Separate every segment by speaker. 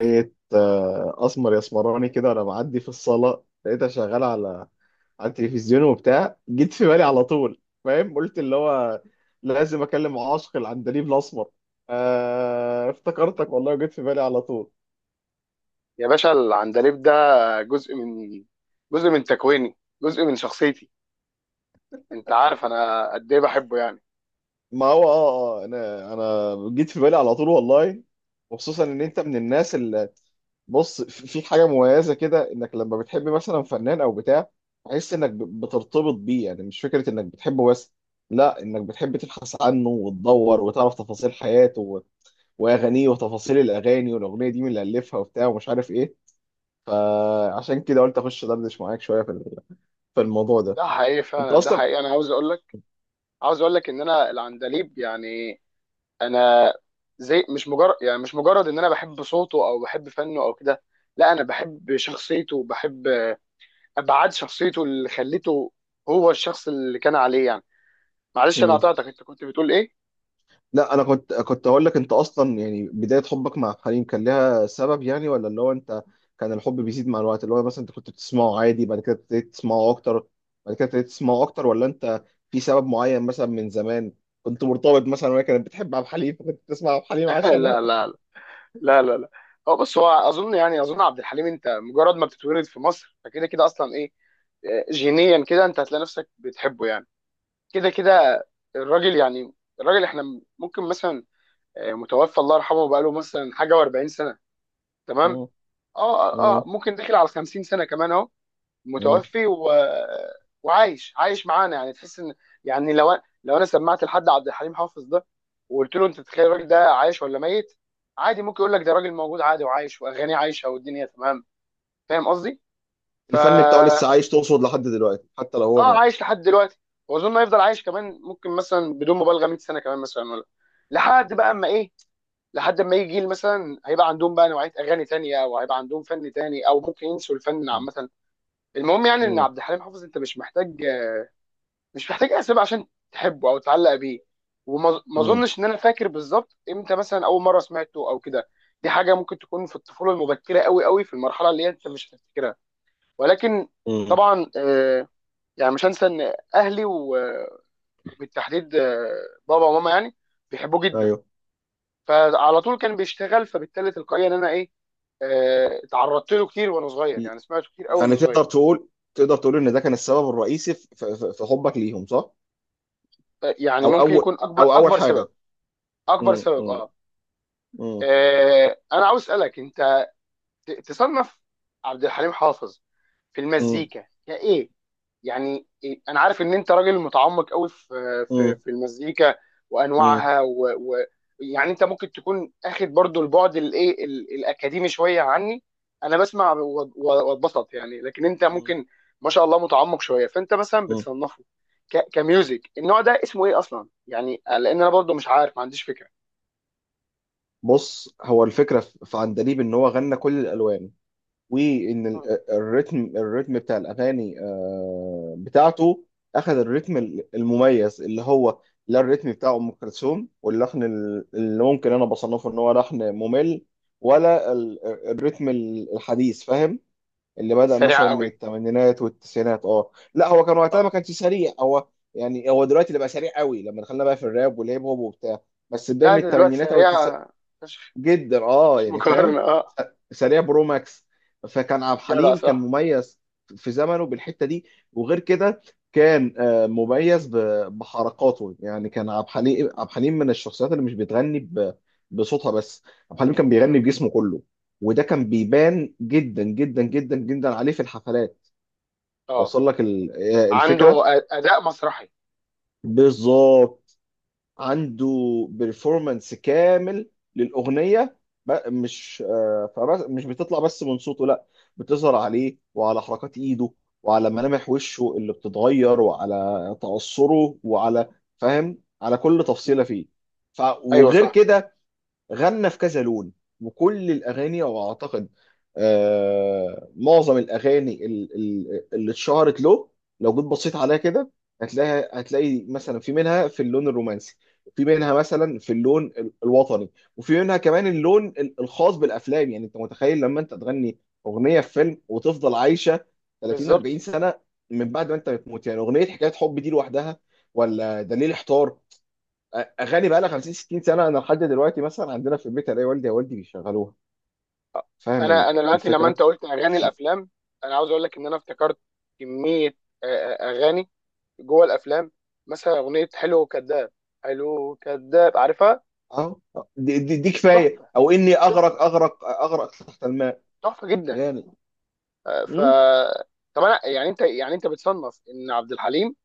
Speaker 1: لقيت اسمر يا اسمراني كده، وانا معدي في الصاله لقيتها شغاله على التلفزيون وبتاع، جيت في بالي على طول. فاهم؟ قلت اللي هو لازم اكلم عاشق العندليب الاسمر. آه، افتكرتك والله وجيت في بالي على طول.
Speaker 2: يا باشا العندليب ده جزء من جزء من تكويني، جزء من شخصيتي. انت عارف انا قد ايه بحبه يعني؟
Speaker 1: ما هو انا جيت في بالي على طول والله، وخصوصا ان انت من الناس. بص، في حاجه مميزه كده، انك لما بتحب مثلا فنان او بتاع، تحس انك بترتبط بيه، يعني مش فكره انك بتحبه بس، لا، انك بتحب تبحث عنه وتدور وتعرف تفاصيل حياته واغانيه وتفاصيل الاغاني، والاغنيه دي مين اللي الفها وبتاع ومش عارف ايه. فعشان كده قلت اخش دردش معاك شويه في الموضوع ده.
Speaker 2: ده حقيقي،
Speaker 1: انت
Speaker 2: فعلا ده
Speaker 1: اصلا.
Speaker 2: حقيقي. انا عاوز اقول لك ان انا العندليب يعني، انا زي، مش مجرد يعني مش مجرد ان انا بحب صوته او بحب فنه او كده، لا انا بحب شخصيته وبحب ابعاد شخصيته اللي خلته هو الشخص اللي كان عليه يعني. معلش انا
Speaker 1: مم.
Speaker 2: قطعتك، انت كنت بتقول ايه؟
Speaker 1: لا، انا كنت اقول لك، انت اصلا يعني بدايه حبك مع حليم كان لها سبب، يعني ولا اللي هو انت كان الحب بيزيد مع الوقت، اللي هو مثلا انت كنت بتسمعه عادي بعد كده ابتديت تسمعه اكتر، بعد كده ابتديت تسمعه اكتر؟ ولا انت في سبب معين مثلا، من زمان كنت مرتبط مثلا وهي كانت بتحب عبد الحليم فكنت بتسمع عبد الحليم
Speaker 2: لا
Speaker 1: عشانها؟
Speaker 2: لا لا لا لا. هو بص، هو اظن يعني عبد الحليم، انت مجرد ما بتتولد في مصر فكده كده اصلا ايه. جينيا كده انت هتلاقي نفسك بتحبه يعني. كده كده الراجل يعني، الراجل احنا ممكن مثلا متوفى الله يرحمه بقاله مثلا حاجه و40 سنه تمام.
Speaker 1: مم. مم.
Speaker 2: ممكن داخل على 50 سنه كمان اهو.
Speaker 1: مم.
Speaker 2: متوفي وعايش، عايش معانا يعني. تحس ان، يعني لو انا سمعت لحد عبد الحليم حافظ ده وقلت له: انت تتخيل الراجل ده عايش ولا ميت؟ عادي ممكن يقول لك ده راجل موجود عادي وعايش واغانيه عايشه والدنيا تمام. فاهم قصدي؟
Speaker 1: الفن بتاعه لسه
Speaker 2: فا
Speaker 1: عايش، تقصد لحد دلوقتي حتى لو هو
Speaker 2: اه،
Speaker 1: مات؟
Speaker 2: عايش لحد دلوقتي، واظن هيفضل عايش كمان ممكن مثلا بدون مبالغه 100 سنه كمان مثلا، ولا لحد بقى اما ايه، لحد اما يجي جيل مثلا هيبقى عندهم بقى نوعيه اغاني تانية، او هيبقى عندهم فن تاني، او ممكن ينسوا الفن
Speaker 1: مم.
Speaker 2: عامه. المهم يعني ان
Speaker 1: مم.
Speaker 2: عبد الحليم حافظ انت مش محتاج، مش محتاج اسباب عشان تحبه او تعلق بيه. وما ما
Speaker 1: مم.
Speaker 2: اظنش ان انا فاكر بالظبط امتى مثلا اول مره سمعته او كده. دي حاجه ممكن تكون في الطفوله المبكره قوي قوي، في المرحله اللي هي انت مش هتفتكرها. ولكن
Speaker 1: مم.
Speaker 2: طبعا، يعني مش هنسى ان اهلي وبالتحديد بابا وماما يعني بيحبوه جدا،
Speaker 1: ايوه.
Speaker 2: فعلى طول كان بيشتغل، فبالتالي تلقائيا ان انا ايه، اتعرضت له كتير وانا صغير، يعني سمعته كتير قوي وانا
Speaker 1: يعني
Speaker 2: صغير.
Speaker 1: تقدر تقول ان ده كان السبب الرئيسي في حبك ليهم، صح؟
Speaker 2: يعني ممكن يكون اكبر
Speaker 1: او اول
Speaker 2: اكبر سبب،
Speaker 1: حاجه.
Speaker 2: اكبر
Speaker 1: مم،
Speaker 2: سبب
Speaker 1: مم،
Speaker 2: اه.
Speaker 1: مم،
Speaker 2: انا عاوز اسالك انت تصنف عبد الحليم حافظ في
Speaker 1: مم،
Speaker 2: المزيكا كايه، يعني إيه؟ انا عارف ان انت راجل متعمق قوي في في
Speaker 1: مم،
Speaker 2: في المزيكا
Speaker 1: مم،
Speaker 2: وانواعها و يعني انت ممكن تكون اخد برضو البعد الايه، الاكاديمي شويه عني. انا بسمع واتبسط يعني، لكن انت
Speaker 1: مم.
Speaker 2: ممكن ما شاء الله متعمق شويه. فانت مثلا
Speaker 1: مم.
Speaker 2: بتصنفه كميوزك، النوع ده اسمه ايه اصلا يعني؟ لان انا برضو مش عارف، ما عنديش فكره.
Speaker 1: بص، هو الفكره في عندليب ان هو غنى كل الالوان، وان
Speaker 2: مم.
Speaker 1: الريتم بتاع الاغاني بتاعته، اخذ الريتم المميز اللي هو، لا، الريتم بتاع ام كلثوم واللحن اللي ممكن انا بصنفه ان هو لحن ممل، ولا الريتم الحديث. فاهم؟ اللي
Speaker 2: بس
Speaker 1: بدأ
Speaker 2: سريعه
Speaker 1: مثلا من
Speaker 2: قوي
Speaker 1: الثمانينات والتسعينات. اه، لا، هو كان وقتها ما
Speaker 2: اه.
Speaker 1: كانش سريع، هو يعني هو دلوقتي اللي بقى سريع قوي، لما دخلنا بقى في الراب والهيب هوب وبتاع. بس بداية
Speaker 2: لا
Speaker 1: من
Speaker 2: ده دلوقتي
Speaker 1: الثمانينات او
Speaker 2: سريعه،
Speaker 1: جدا،
Speaker 2: مش
Speaker 1: يعني فاهم؟
Speaker 2: مقارنة اه.
Speaker 1: س- سريع برو ماكس. فكان عبد
Speaker 2: جدع
Speaker 1: الحليم كان
Speaker 2: صح.
Speaker 1: مميز في زمنه بالحته دي، وغير كده كان مميز بحركاته. يعني كان عبد الحليم، عبد الحليم من الشخصيات اللي مش بتغني بصوتها بس. عبد الحليم كان
Speaker 2: مم.
Speaker 1: بيغني بجسمه كله، وده كان بيبان جدا جدا جدا جدا عليه في الحفلات.
Speaker 2: اه.
Speaker 1: وصل لك
Speaker 2: عنده
Speaker 1: الفكره؟
Speaker 2: اداء مسرحي.
Speaker 1: بالظبط. عنده بيرفورمانس كامل للاغنيه، مش فبس مش بتطلع بس من صوته، لا، بتظهر عليه وعلى حركات ايده وعلى ملامح وشه اللي بتتغير وعلى تعصره وعلى، فاهم، على كل
Speaker 2: مم.
Speaker 1: تفصيله فيه.
Speaker 2: ايوه
Speaker 1: وغير
Speaker 2: صح.
Speaker 1: كده، غنى في كذا لون، وكل الاغاني، او اعتقد معظم الاغاني اللي اتشهرت له لو جيت بصيت عليها كده، هتلاقي مثلا في منها في اللون الرومانسي، وفي منها مثلا في اللون الوطني، وفي منها كمان اللون الخاص بالافلام. يعني انت متخيل لما انت تغني اغنيه في فيلم وتفضل عايشه 30 40
Speaker 2: بالظبط.
Speaker 1: سنه من بعد ما انت بتموت؟ يعني اغنيه حكايه حب دي لوحدها، ولا دليل احتار؟ اغاني بقى لها 50 60 سنه، انا لحد دلوقتي مثلا عندنا في البيت الاقي والدي يا والدي بيشغلوها. فاهم
Speaker 2: انا انا دلوقتي لما
Speaker 1: الفكره؟
Speaker 2: انت قلت اغاني الافلام، انا عاوز اقول لك ان انا افتكرت كميه، آه، اغاني جوه الافلام، مثلا اغنيه حلو وكذاب، حلو وكذاب عارفها،
Speaker 1: اه. دي كفايه،
Speaker 2: تحفه،
Speaker 1: او اني اغرق
Speaker 2: تحفه،
Speaker 1: اغرق اغرق تحت الماء،
Speaker 2: تحفه جدا.
Speaker 1: يعني.
Speaker 2: آه، ف
Speaker 1: مم.
Speaker 2: طب انا يعني، انت يعني انت بتصنف ان عبد الحليم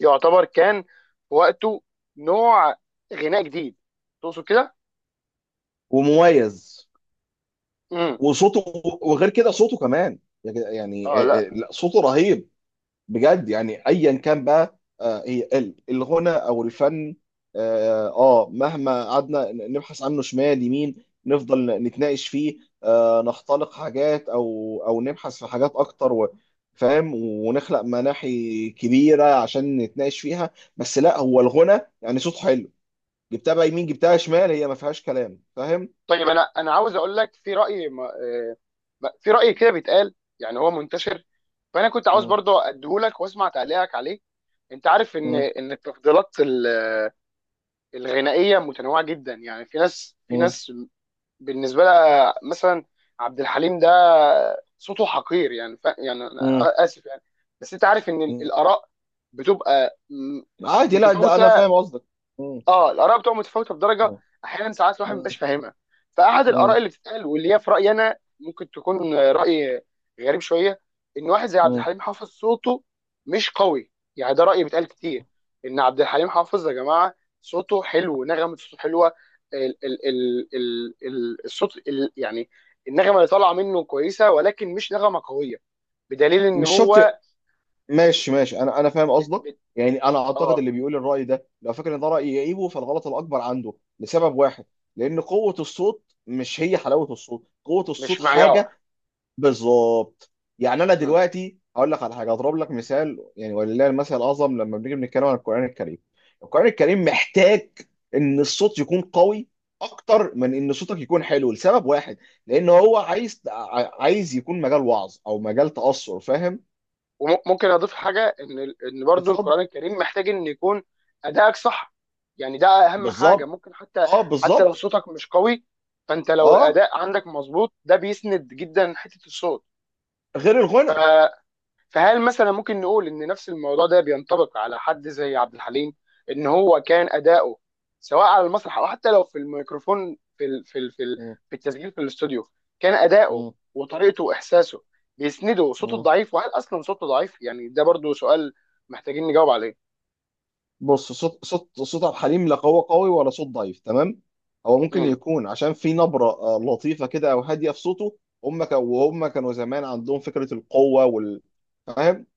Speaker 2: يعتبر كان في وقته نوع غناء جديد، تقصد كده؟
Speaker 1: ومميز،
Speaker 2: امم.
Speaker 1: وصوته. وغير كده صوته كمان، يعني
Speaker 2: اه لا.
Speaker 1: لا، صوته رهيب بجد. يعني ايا كان بقى، هي الغنى او الفن، مهما قعدنا نبحث عنه شمال يمين، نفضل نتناقش فيه، نختلق حاجات، او نبحث في حاجات اكتر فاهم، ونخلق مناحي كبيره عشان نتناقش فيها. بس لا، هو الغنى يعني صوت حلو، جبتها بقى يمين جبتها شمال، هي ما فيهاش كلام. فاهم؟
Speaker 2: طيب انا انا عاوز اقول لك في راي، في راي كده بيتقال يعني هو منتشر، فانا كنت عاوز
Speaker 1: مم،
Speaker 2: برضو اديهولك واسمع تعليقك عليه. انت عارف ان
Speaker 1: مم،
Speaker 2: التفضيلات الغنائيه متنوعه جدا، يعني في ناس،
Speaker 1: مم،
Speaker 2: بالنسبه لها مثلا عبد الحليم ده صوته حقير، يعني ف... يعني انا
Speaker 1: مم،
Speaker 2: اسف يعني. بس انت عارف ان
Speaker 1: مم.
Speaker 2: الاراء بتبقى
Speaker 1: عادي، لا، ده انا
Speaker 2: متفاوته.
Speaker 1: فاهم قصدك. مم،
Speaker 2: اه الاراء بتبقى متفاوته بدرجه
Speaker 1: مم،
Speaker 2: احيانا، ساعات الواحد ما بيبقاش فاهمها. فاحد الاراء
Speaker 1: مم،
Speaker 2: اللي بتتقال، واللي هي في رايي انا ممكن تكون راي غريب شويه، ان واحد زي عبد
Speaker 1: مم.
Speaker 2: الحليم حافظ صوته مش قوي. يعني ده راي بيتقال كتير، ان عبد الحليم حافظ يا جماعه صوته حلو، نغمه صوته حلوه، ال الصوت يعني النغمه اللي طالعه منه كويسه ولكن مش نغمه قويه، بدليل ان
Speaker 1: مش شرط.
Speaker 2: هو
Speaker 1: ماشي ماشي، انا فاهم
Speaker 2: بت-
Speaker 1: قصدك.
Speaker 2: بت-
Speaker 1: يعني انا اعتقد
Speaker 2: اه.
Speaker 1: اللي بيقول الراي ده لو فاكر ان ده راي يعيبه، فالغلط الاكبر عنده، لسبب واحد، لان قوه الصوت مش هي حلاوه الصوت، قوه الصوت
Speaker 2: مش معيار.
Speaker 1: حاجه. بالظبط. يعني انا دلوقتي هقول لك على حاجه، اضرب لك مثال، يعني ولله المثل الاعظم، لما بنيجي بنتكلم عن القران الكريم، القران الكريم محتاج ان الصوت يكون قوي اكتر من ان صوتك يكون حلو، لسبب واحد، لان هو عايز، عايز يكون مجال وعظ او مجال تاثر. فاهم؟
Speaker 2: وممكن اضيف حاجه ان برضو
Speaker 1: اتفضل.
Speaker 2: القران الكريم محتاج ان يكون ادائك صح، يعني ده اهم حاجه
Speaker 1: بالظبط،
Speaker 2: ممكن، حتى
Speaker 1: اه،
Speaker 2: لو
Speaker 1: بالظبط.
Speaker 2: صوتك مش قوي فانت لو
Speaker 1: اه،
Speaker 2: الاداء عندك مظبوط ده بيسند جدا حته الصوت.
Speaker 1: غير الغنى.
Speaker 2: فهل مثلا ممكن نقول ان نفس الموضوع ده بينطبق على حد زي عبد الحليم، ان هو كان اداؤه سواء على المسرح او حتى لو في الميكروفون في ال
Speaker 1: م-
Speaker 2: في التسجيل في الاستوديو، كان اداؤه
Speaker 1: م-
Speaker 2: وطريقته واحساسه بيسنده صوته
Speaker 1: م.
Speaker 2: الضعيف، وهل اصلا صوته ضعيف؟ يعني ده برضو سؤال محتاجين نجاوب عليه.
Speaker 1: بص، صوت صوت عبد الحليم لا قوي قوي ولا صوت ضعيف، تمام. هو ممكن
Speaker 2: امم.
Speaker 1: يكون عشان في نبرة لطيفة كده او هادية في صوته. هم كانوا وهم كانوا زمان عندهم فكرة القوة وال، فاهم؟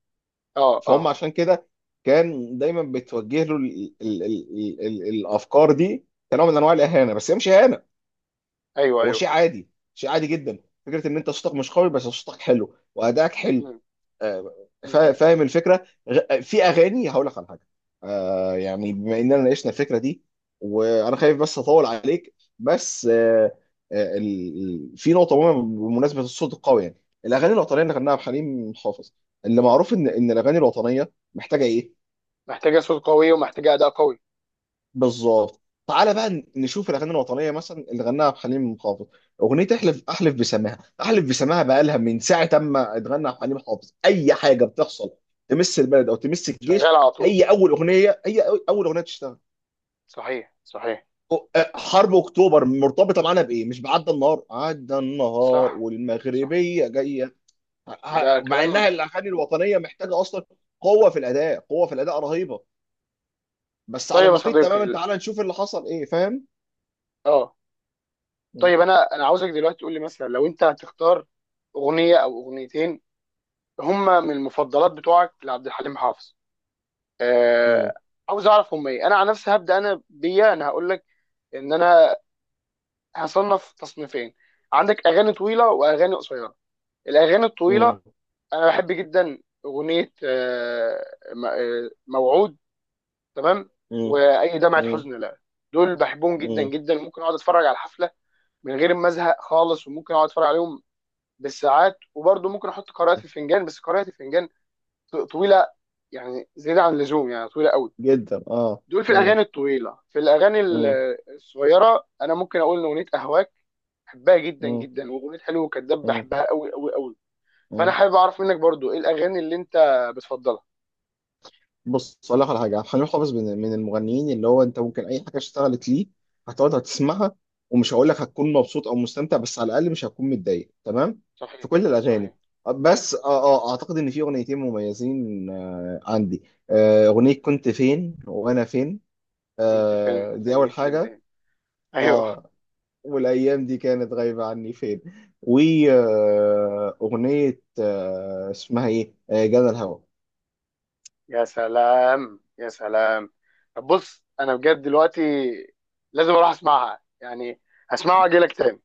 Speaker 2: اه
Speaker 1: فهم
Speaker 2: اه.
Speaker 1: عشان كده كان دايما بتوجه له الافكار دي، كنوع من انواع الاهانة، بس هي مش اهانة،
Speaker 2: ايوه
Speaker 1: هو شيء
Speaker 2: ايوه.
Speaker 1: عادي، شيء عادي جدا. فكرة ان انت صوتك مش قوي بس صوتك حلو وادائك حلو.
Speaker 2: امم.
Speaker 1: آه،
Speaker 2: امم.
Speaker 1: فاهم الفكره؟ في اغاني هقول لك على حاجه. يعني بما اننا ناقشنا الفكره دي، وانا خايف بس اطول عليك، بس آه، ال- في نقطه مهمه بمناسبه الصوت القوي. يعني الاغاني الوطنيه اللي غناها بحليم حافظ، اللي معروف ان الاغاني الوطنيه محتاجه ايه؟
Speaker 2: محتاجه صوت قوي ومحتاجه اداء قوي.
Speaker 1: بالظبط. تعالى بقى نشوف الاغاني الوطنيه مثلا اللي غناها عبد الحليم حافظ. اغنيه احلف احلف بسماها، احلف بسماها بقى لها من ساعه اما اتغنى عبد الحليم حافظ، اي حاجه بتحصل تمس البلد او تمس الجيش،
Speaker 2: شغال على طول.
Speaker 1: هي اول اغنيه. هي اول اغنيه تشتغل.
Speaker 2: صحيح صحيح.
Speaker 1: حرب اكتوبر مرتبطه معانا بايه؟ مش بعدى النهار، عدى النهار
Speaker 2: صح صح.
Speaker 1: والمغربيه جايه.
Speaker 2: ده
Speaker 1: مع انها
Speaker 2: كلام.
Speaker 1: الاغاني الوطنيه محتاجه اصلا قوه في الاداء، قوه في الاداء رهيبه، بس على
Speaker 2: طيب يا
Speaker 1: النقيض
Speaker 2: صديقي
Speaker 1: تماما، تعالى نشوف اللي حصل ايه. فاهم؟
Speaker 2: اه. طيب انا انا عاوزك دلوقتي تقول لي مثلا، لو انت هتختار اغنيه او اغنيتين هما من المفضلات بتوعك لعبد الحليم حافظ،
Speaker 1: مم.
Speaker 2: آه، عاوز اعرف هما ايه. انا عن نفسي هبدا انا بيا، انا هقول لك ان انا هصنف تصنيفين: عندك اغاني طويله واغاني قصيره. الاغاني الطويله
Speaker 1: مم.
Speaker 2: انا بحب جدا اغنيه موعود تمام.
Speaker 1: مم.
Speaker 2: واي دمعه
Speaker 1: مم.
Speaker 2: حزن لا، دول بحبهم جدا
Speaker 1: مم.
Speaker 2: جدا، ممكن اقعد اتفرج على الحفله من غير ما ازهق خالص، وممكن اقعد اتفرج عليهم بالساعات، وبرضه ممكن احط قراءه الفنجان، بس قراءه الفنجان طويله، يعني زياده عن اللزوم يعني طويله قوي.
Speaker 1: جدا، اه.
Speaker 2: دول في
Speaker 1: مم.
Speaker 2: الاغاني الطويله. في الاغاني
Speaker 1: مم.
Speaker 2: الصغيره انا ممكن اقول ان اغنيه اهواك بحبها جدا
Speaker 1: مم.
Speaker 2: جدا، واغنيه حلو وكذاب
Speaker 1: مم.
Speaker 2: بحبها قوي قوي قوي. فانا
Speaker 1: مم.
Speaker 2: حابب اعرف منك برضه ايه الاغاني اللي انت بتفضلها.
Speaker 1: بص، اقول لك على حاجه. عبد الحليم حافظ من المغنيين اللي هو انت ممكن اي حاجه اشتغلت ليه هتقعد هتسمعها، ومش هقول لك هتكون مبسوط او مستمتع، بس على الاقل مش هتكون متضايق، تمام، في
Speaker 2: صحيح
Speaker 1: كل
Speaker 2: صحيح.
Speaker 1: الاغاني. بس اه اعتقد ان في اغنيتين مميزين عندي. اغنيه كنت فين وانا فين،
Speaker 2: كنت فين،
Speaker 1: دي
Speaker 2: فين
Speaker 1: اول
Speaker 2: جيت لي
Speaker 1: حاجه.
Speaker 2: منين؟ ايوه.
Speaker 1: اه، والأيام دي كانت غايبة عني فين. وأغنية اسمها إيه، جنى الهوى.
Speaker 2: يا سلام يا سلام. طب بص انا بجد دلوقتي لازم اروح اسمعها يعني، هسمعها واجي لك تاني.